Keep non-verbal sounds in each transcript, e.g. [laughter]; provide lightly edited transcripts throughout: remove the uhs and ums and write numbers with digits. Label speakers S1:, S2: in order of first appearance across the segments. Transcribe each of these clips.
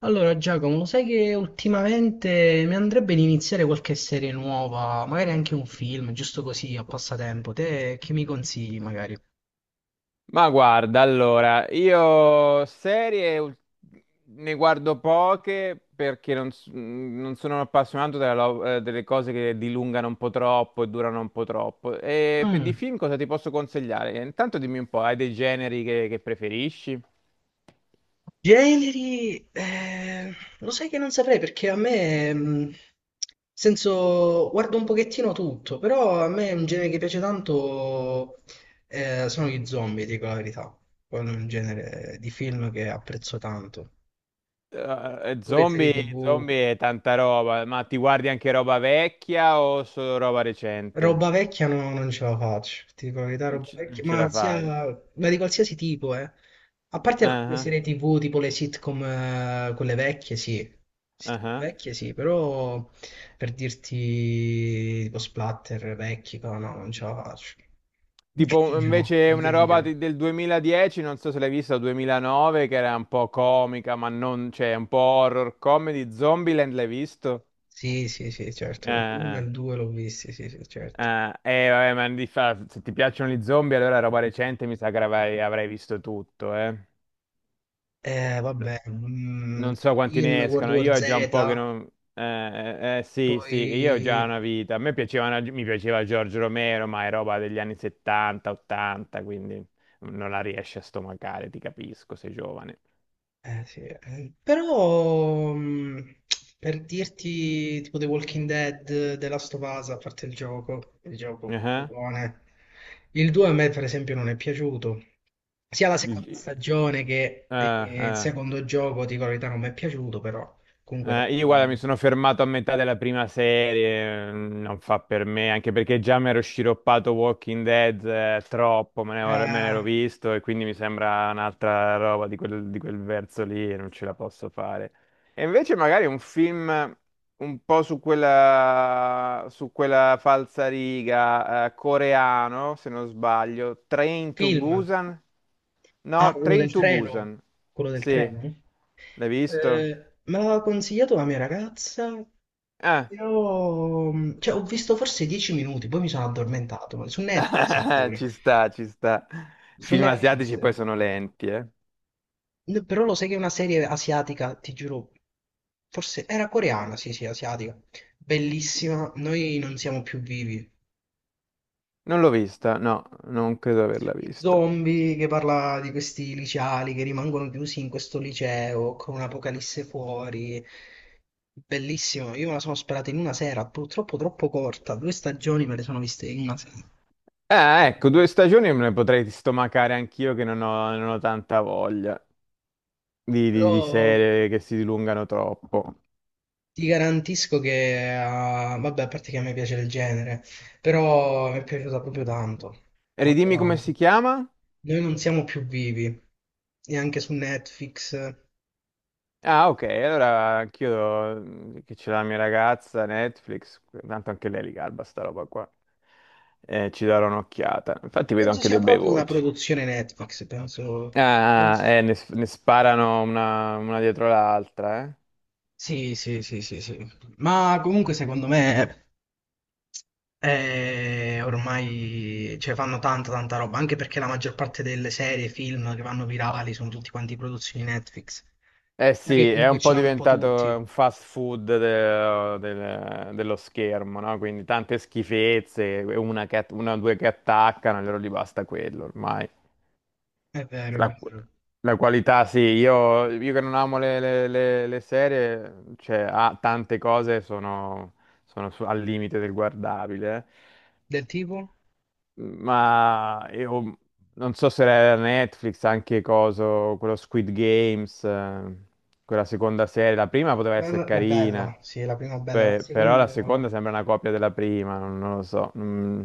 S1: Allora, Giacomo, lo sai che ultimamente mi andrebbe di iniziare qualche serie nuova, magari anche un film, giusto così, a passatempo. Te che mi consigli, magari?
S2: Ma guarda, allora, ne guardo poche perché non sono un appassionato delle cose che dilungano un po' troppo e durano un po' troppo. E per di
S1: Mm.
S2: film cosa ti posso consigliare? Intanto dimmi un po', hai dei generi che preferisci?
S1: Generi, lo sai che non saprei perché a me, nel senso, guardo un pochettino tutto, però a me un genere che piace tanto sono gli zombie, dico la verità. Quello è un genere di film che apprezzo tanto. Pure serie TV.
S2: Zombie, zombie è tanta roba, ma ti guardi anche roba vecchia o solo roba recente?
S1: Roba vecchia no, non ce la faccio, ti dico la verità,
S2: Non,
S1: roba
S2: ci- non
S1: vecchia,
S2: ce
S1: ma
S2: la
S1: sia,
S2: fai?
S1: ma di qualsiasi tipo, eh. A parte alcune
S2: Ah,
S1: serie TV, tipo le sitcom, quelle vecchie, sì.
S2: ah, ah,
S1: Sitcom
S2: ah.
S1: vecchie, sì, però per dirti tipo splatter vecchi, no, no, non ce la faccio. Mi
S2: Tipo
S1: cringiano,
S2: invece
S1: mi
S2: una roba
S1: cringiano.
S2: del 2010, non so se l'hai vista, o 2009, che era un po' comica, ma non, cioè un po' horror comedy, Zombieland l'hai visto?
S1: Sì, sì, sì, certo. Uno
S2: Eh,
S1: e il
S2: eh,
S1: due l'ho visti, sì, sì, certo.
S2: Vabbè, ma se ti piacciono gli zombie, allora roba recente mi sa che avrai visto tutto, eh.
S1: Vabbè,
S2: Non so quanti
S1: film,
S2: ne
S1: World
S2: escano,
S1: War
S2: io ho già un
S1: Z,
S2: po' che non. Sì, sì, io ho già
S1: poi.
S2: una vita. A me piaceva, una- Mi piaceva Giorgio Romero, ma è roba degli anni 70, 80, quindi non la riesci a stomacare, ti capisco, sei giovane.
S1: Sì, però per dirti tipo The Walking Dead, The Last of Us, a parte il gioco
S2: Ah,
S1: buone. Il 2 a me per esempio non è piaciuto, sia la seconda
S2: il-
S1: stagione che
S2: ah,
S1: il
S2: ah.
S1: secondo gioco, dico la verità, non mi è piaciuto, però comunque tante
S2: Io guarda, mi
S1: robe.
S2: sono fermato a metà della prima serie, non fa per me, anche perché già mi ero sciroppato Walking Dead, troppo, me ne
S1: Eh,
S2: ero visto e quindi mi sembra un'altra roba di quel verso lì e non ce la posso fare. E invece magari un film un po' su quella falsa riga, coreano, se non sbaglio, Train to
S1: Film,
S2: Busan?
S1: ah,
S2: No,
S1: quello
S2: Train
S1: del
S2: to
S1: treno,
S2: Busan,
S1: quello del
S2: sì,
S1: treno?
S2: l'hai visto?
S1: Me l'aveva consigliato la mia ragazza.
S2: Ah.
S1: Io, cioè, ho visto forse 10 minuti, poi mi sono addormentato. Su Netflix
S2: [laughs]
S1: pure.
S2: Ci sta, ci sta.
S1: Su
S2: Film
S1: Netflix.
S2: asiatici poi
S1: Eh.
S2: sono lenti, eh.
S1: Però lo sai che è una serie asiatica, ti giuro. Forse era coreana, sì, sì, asiatica. Bellissima. Noi non siamo più vivi.
S2: Non l'ho vista, no, non credo averla
S1: Sugli
S2: vista.
S1: zombie che parla di questi liceali che rimangono chiusi in questo liceo con un'apocalisse fuori. Bellissimo, io me la sono sperata in una sera, purtroppo troppo corta, due stagioni me le sono viste in una sera.
S2: Ecco, due
S1: Vabbè.
S2: stagioni me ne potrei stomacare anch'io che non ho tanta voglia di
S1: Però
S2: serie che si dilungano troppo.
S1: ti garantisco che, ah, vabbè, a parte che a me piace il genere, però mi è piaciuta proprio tanto, tanto
S2: Ridimmi come
S1: tanto.
S2: si chiama?
S1: Noi non siamo più vivi, neanche su Netflix.
S2: Ah, ok, allora anch'io, che c'è la mia ragazza, Netflix, tanto anche lei li garba sta roba qua. Ci darò un'occhiata. Infatti vedo
S1: Penso
S2: anche
S1: sia
S2: dei bei
S1: proprio una
S2: voti.
S1: produzione Netflix, penso.
S2: Ah, ah,
S1: penso-
S2: ne sparano una dietro l'altra, eh.
S1: Sì, sì, sì, sì, sì. Ma comunque secondo me ormai cioè, fanno tanta, tanta roba, anche perché la maggior parte delle serie, film che vanno virali sono tutti quanti produzioni Netflix.
S2: Eh
S1: Ma che
S2: sì, è un
S1: comunque
S2: po'
S1: ce l'hanno un po'
S2: diventato
S1: tutti.
S2: un fast food dello schermo, no? Quindi tante schifezze, una o due che attaccano, allora gli basta quello ormai.
S1: È vero, è
S2: La,
S1: vero.
S2: la qualità, sì, io che non amo le serie, cioè, ha tante cose al limite del guardabile.
S1: Del tipo?
S2: Ma io non so se era Netflix, anche coso, quello Squid Games, quella seconda serie, la prima poteva
S1: La,
S2: essere
S1: la- la
S2: carina,
S1: bella, sì, la prima bella, la
S2: però la
S1: seconda.
S2: seconda sembra una copia della prima, non lo so. Mm.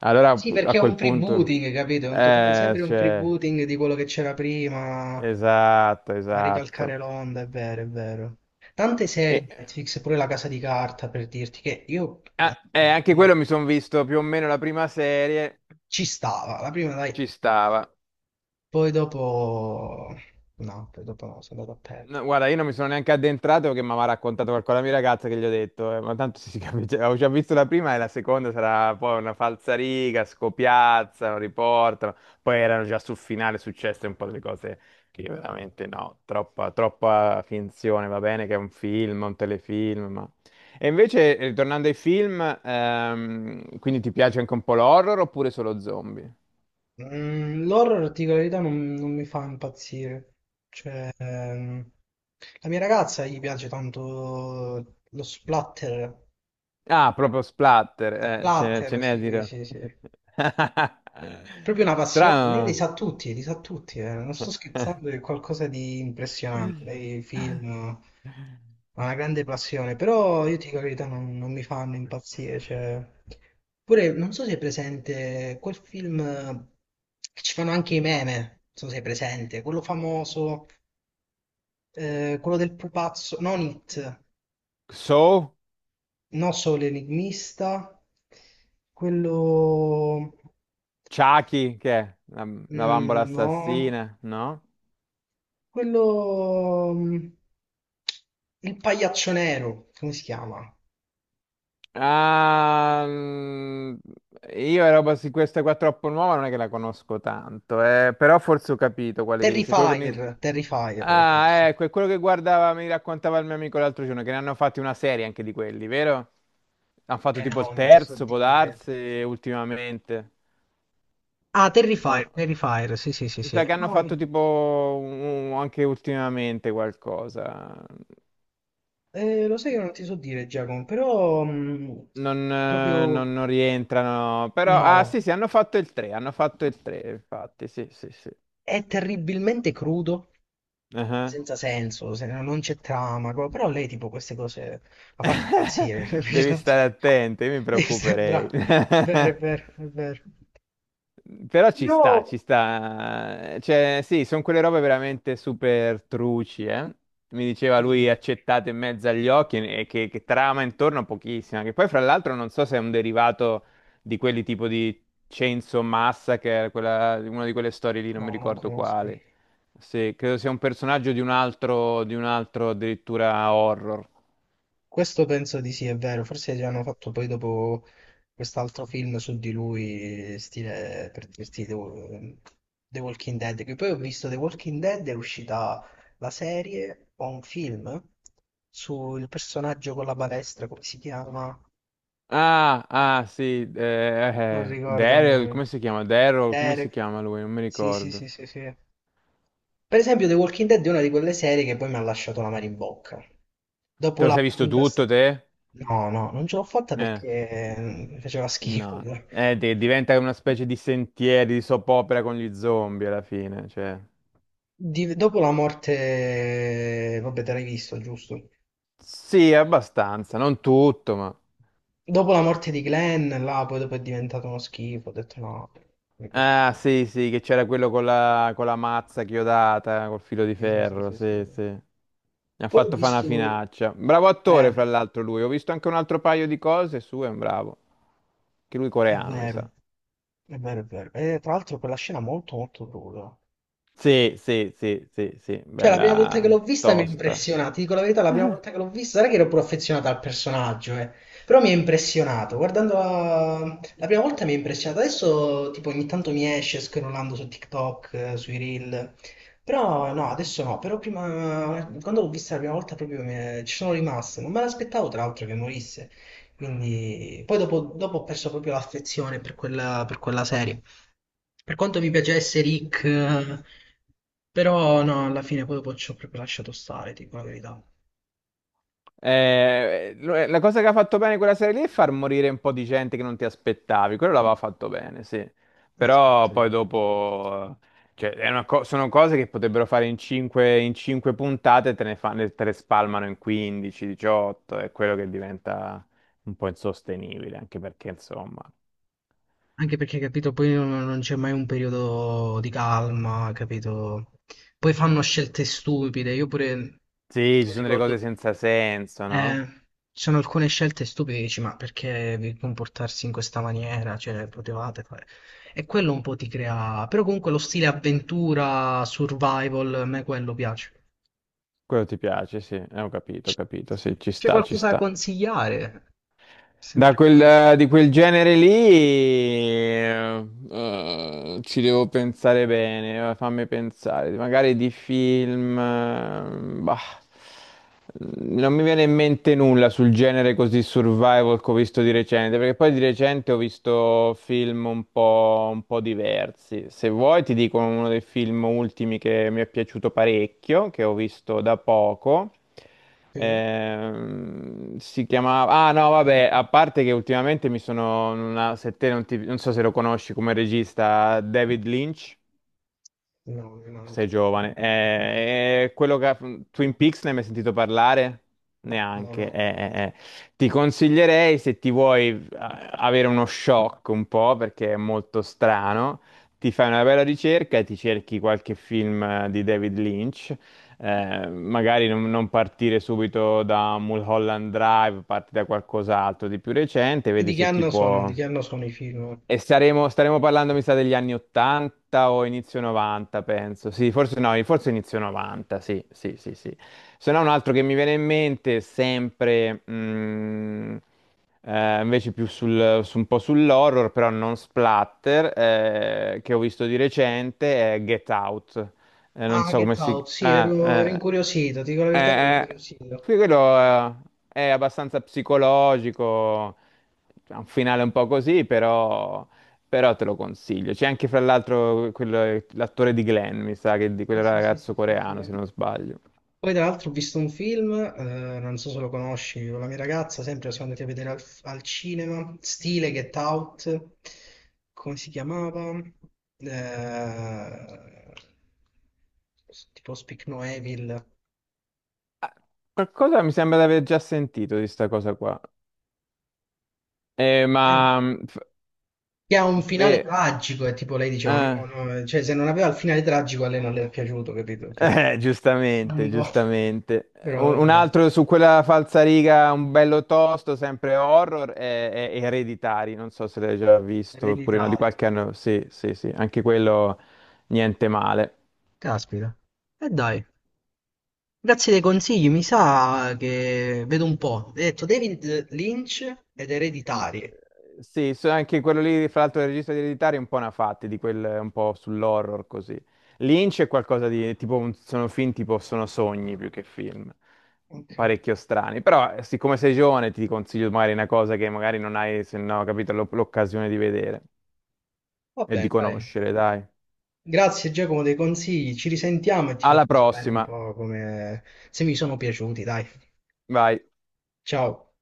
S2: Allora
S1: Sì,
S2: a
S1: perché è
S2: quel
S1: un
S2: punto,
S1: freebooting, capito? È un totale, sempre un
S2: cioè,
S1: freebooting di quello che c'era prima.
S2: esatto,
S1: A ricalcare
S2: esatto.
S1: l'onda, è vero, è vero. Tante
S2: E,
S1: serie di
S2: eh,
S1: Netflix, pure La Casa di Carta, per dirti che io
S2: ah, eh, anche quello
S1: no,
S2: mi sono visto più o meno la prima serie,
S1: ci stava, la prima dai,
S2: ci stava.
S1: poi dopo no, poi dopo no, sono andato a
S2: No,
S1: perdere.
S2: guarda, io non mi sono neanche addentrato perché mi aveva raccontato qualcosa la mia ragazza che gli ho detto, ma tanto si [laughs] capisce, avevo già visto la prima e la seconda sarà poi una falsariga, scopiazzano, riportano, poi erano già sul finale successe un po' delle cose che io veramente no, troppa, troppa finzione, va bene che è un film, un telefilm, ma. E invece, ritornando ai film, quindi ti piace anche un po' l'horror oppure solo zombie?
S1: L'horror, ti dico la verità, non mi fa impazzire. Cioè, la mia ragazza gli piace tanto lo splatter.
S2: Ah, proprio splatter, ce
S1: Splatter,
S2: n'è a
S1: sì,
S2: dire.
S1: sì, sì.
S2: [laughs]
S1: Proprio una passione,
S2: Strano.
S1: li sa tutti, eh. Non sto scherzando, è qualcosa di impressionante. Lei film ha una grande passione, però io ti dico la verità, non mi fanno impazzire. Cioè. Pure, non so se è presente quel film che ci fanno anche i meme, non so se è presente, quello famoso, quello del pupazzo, non It,
S2: So,
S1: non solo l'enigmista, quello.
S2: Chucky, che è? La bambola
S1: No.
S2: assassina, no?
S1: Quello. Il pagliaccio nero, come si chiama?
S2: Ah, io la roba su questa qua troppo nuova non è che la conosco tanto, però forse ho capito quale che dice. Quello con i-.
S1: Terrifier, Terrifier,
S2: Ah,
S1: forse.
S2: ecco, è quello che guardava, mi raccontava il mio amico l'altro giorno, che ne hanno fatti una serie anche di quelli, vero? Hanno fatto
S1: Eh
S2: tipo
S1: no,
S2: il
S1: non ti so
S2: terzo, può
S1: dire.
S2: darsi, ultimamente.
S1: Ah, Terrifier,
S2: O-.
S1: Terrifier, sì, sì, sì,
S2: Mi sa
S1: sì.
S2: che hanno
S1: No,
S2: fatto tipo anche ultimamente qualcosa.
S1: lo sai che non ti so dire, Giacomo, però
S2: Non, eh, non-
S1: proprio
S2: non rientrano, però. Ah,
S1: no.
S2: sì, sì, hanno fatto il 3, hanno fatto il 3, infatti, sì, sì, sì.
S1: È terribilmente crudo,
S2: Ah.
S1: senza senso, no non c'è trama, però lei tipo queste cose la fanno impazzire.
S2: [laughs] Devi
S1: [laughs]
S2: stare attenti, mi
S1: Devi
S2: preoccuperei.
S1: sembra.
S2: [laughs]
S1: È vero, è vero, è vero.
S2: Però ci
S1: Io
S2: sta, ci sta. Cioè, sì, sono quelle robe veramente super truci, eh. Mi diceva
S1: sì, sì,
S2: lui
S1: sì.
S2: accettate in mezzo agli occhi e che trama intorno pochissima. Che poi, fra l'altro, non so se è un derivato di quelli tipo di Chainsaw Massacre, quella, una di quelle storie lì, non mi
S1: No, non
S2: ricordo
S1: conosco.
S2: quale. Sì, credo sia un personaggio di un altro addirittura horror.
S1: Questo penso di sì, è vero. Forse gli hanno fatto poi dopo quest'altro film su di lui, stile per dirti The Walking Dead. Che poi ho visto The Walking Dead, è uscita la serie o un film sul personaggio con la palestra, come si chiama?
S2: Ah, ah, sì,
S1: Non ricordo il
S2: Daryl,
S1: nome.
S2: come si chiama? Daryl, come si
S1: Derek.
S2: chiama lui? Non mi
S1: Sì, sì, sì,
S2: ricordo.
S1: sì, sì. Per esempio, The Walking Dead è una di quelle serie che poi mi ha lasciato l'amaro in bocca.
S2: Te
S1: Dopo
S2: lo
S1: la
S2: sei visto
S1: quinta
S2: tutto,
S1: stagione.
S2: te?
S1: No, no, non ce l'ho fatta
S2: Eh,
S1: perché faceva schifo
S2: no.
S1: poi.
S2: Diventa una specie di sentieri, di soap opera con gli zombie alla fine, cioè.
S1: Dopo la morte, vabbè, te l'hai visto, giusto?
S2: Sì, abbastanza, non tutto, ma.
S1: Dopo la morte di Glenn, là, poi dopo è diventato uno schifo, ho detto no, mi piace più.
S2: Ah, sì, sì, che c'era quello con la mazza chiodata, col filo di
S1: Sì, sì, sì,
S2: ferro,
S1: sì, sì.
S2: sì, sì. Mi ha
S1: Poi ho
S2: fatto fare una
S1: visto,
S2: finaccia. Bravo
S1: eh,
S2: attore, fra l'altro, lui. Ho visto anche un altro paio di cose sue, è un bravo. Che lui
S1: è
S2: coreano, mi
S1: vero,
S2: sa.
S1: è vero, è vero. E tra l'altro quella scena molto, molto cruda.
S2: Sì, sì, sì, sì, sì,
S1: Cioè, la prima volta che l'ho
S2: bella
S1: vista mi ha
S2: tosta.
S1: impressionato, ti dico la verità, la prima volta che
S2: [laughs]
S1: l'ho vista, non è che ero pure affezionato al personaggio, eh. Però mi ha impressionato, guardando la prima volta mi ha impressionato, adesso tipo ogni tanto mi esce scrollando su TikTok, sui Reel, però no, adesso no, però prima, quando l'ho vista la prima volta proprio ci sono rimasto, non me l'aspettavo tra l'altro che morisse, quindi poi dopo ho perso proprio l'affezione per quella serie. Per quanto mi piacesse Rick, però no, alla fine poi dopo ci ho proprio lasciato stare, dico la verità.
S2: La cosa che ha fatto bene quella serie lì è far morire un po' di gente che non ti aspettavi, quello l'aveva fatto bene, sì. Però
S1: Esatto.
S2: poi dopo, cioè, sono cose che potrebbero fare in 5, in cinque puntate, te ne fanno, te le spalmano in 15, 18, è quello che diventa un po' insostenibile, anche perché insomma,
S1: Anche perché, capito, poi non c'è mai un periodo di calma, capito? Poi fanno scelte stupide, io pure
S2: sì, ci
S1: non
S2: sono delle cose
S1: ricordo.
S2: senza senso, no?
S1: Eh, Ci sono alcune scelte stupide, dici, ma perché vi comportarsi in questa maniera? Cioè, potevate fare. E quello un po' ti crea. Però comunque lo stile avventura, survival, a me quello piace.
S2: Quello ti piace, sì, ho capito, sì, ci
S1: C'è
S2: sta, ci
S1: qualcosa da
S2: sta.
S1: consigliare? Sempre quella.
S2: Di quel genere lì, ci devo pensare bene, fammi pensare, magari di film, bah. Non mi viene in mente nulla sul genere così survival che ho visto di recente, perché poi di recente ho visto film un po' diversi. Se vuoi ti dico uno dei film ultimi che mi è piaciuto parecchio, che ho visto da poco.
S1: Sì?
S2: Si chiamava. Ah no, vabbè, a parte che ultimamente mi sono. Una. Se te non so se lo conosci come regista, David Lynch.
S1: No, mi manca.
S2: Sei giovane. Quello che. Twin Peaks ne hai mai sentito parlare?
S1: No,
S2: Neanche.
S1: no.
S2: Ti consiglierei se ti vuoi avere uno shock un po', perché è molto strano, ti fai una bella ricerca e ti cerchi qualche film di David Lynch. Magari non partire subito da Mulholland Drive, parti da qualcos'altro di più recente,
S1: E
S2: vedi
S1: di che
S2: se ti
S1: anno sono?
S2: può.
S1: Di che anno sono i film?
S2: E staremo parlando, mi sa, degli anni 80 o inizio 90, penso. Sì, forse no, forse inizio 90, sì, sì, sì, sì. Se no, un altro che mi viene in mente, sempre, invece più su un po' sull'horror, però non splatter, che ho visto di recente, è Get Out. Non
S1: Ah,
S2: so come
S1: Get
S2: si.
S1: Out, sì, ero
S2: Ah,
S1: incuriosito, ti dico la
S2: eh,
S1: verità, ero
S2: eh, eh,
S1: incuriosito.
S2: sì, quello è abbastanza psicologico, ha un finale un po' così, però te lo consiglio. C'è anche, fra l'altro, l'attore di Glenn, mi sa, che di
S1: Sì,
S2: quel
S1: sì, sì, sì,
S2: ragazzo
S1: sì, sì.
S2: coreano,
S1: Eh.
S2: se non sbaglio.
S1: Poi tra l'altro ho visto un film, non so se lo conosci, con la mia ragazza, sempre siamo andati a vedere al cinema, stile Get Out, come si chiamava? Eh, tipo Speak No Evil.
S2: Ah, qualcosa mi sembra di aver già sentito di sta cosa qua.
S1: Eh,
S2: Ma.
S1: che ha un finale
S2: Eh,
S1: tragico, e tipo lei diceva, no,
S2: eh.
S1: no, cioè se non aveva il finale tragico a lei non le è piaciuto, capito? Cioè. Un
S2: Giustamente,
S1: po'. [laughs]
S2: giustamente.
S1: Però
S2: Un
S1: vabbè,
S2: altro su quella falsariga, un bello tosto, sempre horror, è Ereditari, non so se l'hai già visto, oppure no, di
S1: ereditario.
S2: qualche anno, sì, sì, sì, anche quello niente male.
S1: Caspita. E dai, grazie dei consigli, mi sa che vedo un po'. Hai detto David Lynch ed ereditarie.
S2: Sì, anche quello lì, fra l'altro, del regista di Ereditari è un po' una fatti, di quel, un po' sull'horror così. Lynch è qualcosa di, tipo, sono film tipo, sono sogni più che film,
S1: Ok,
S2: parecchio strani. Però, siccome sei giovane, ti consiglio magari una cosa che magari non hai, se no, capito, l'occasione di vedere
S1: va
S2: e di
S1: bene, dai.
S2: conoscere, dai.
S1: Grazie Giacomo dei consigli, ci risentiamo e ti
S2: Alla
S1: faccio sapere un
S2: prossima,
S1: po' come se mi sono piaciuti, dai.
S2: vai.
S1: Ciao.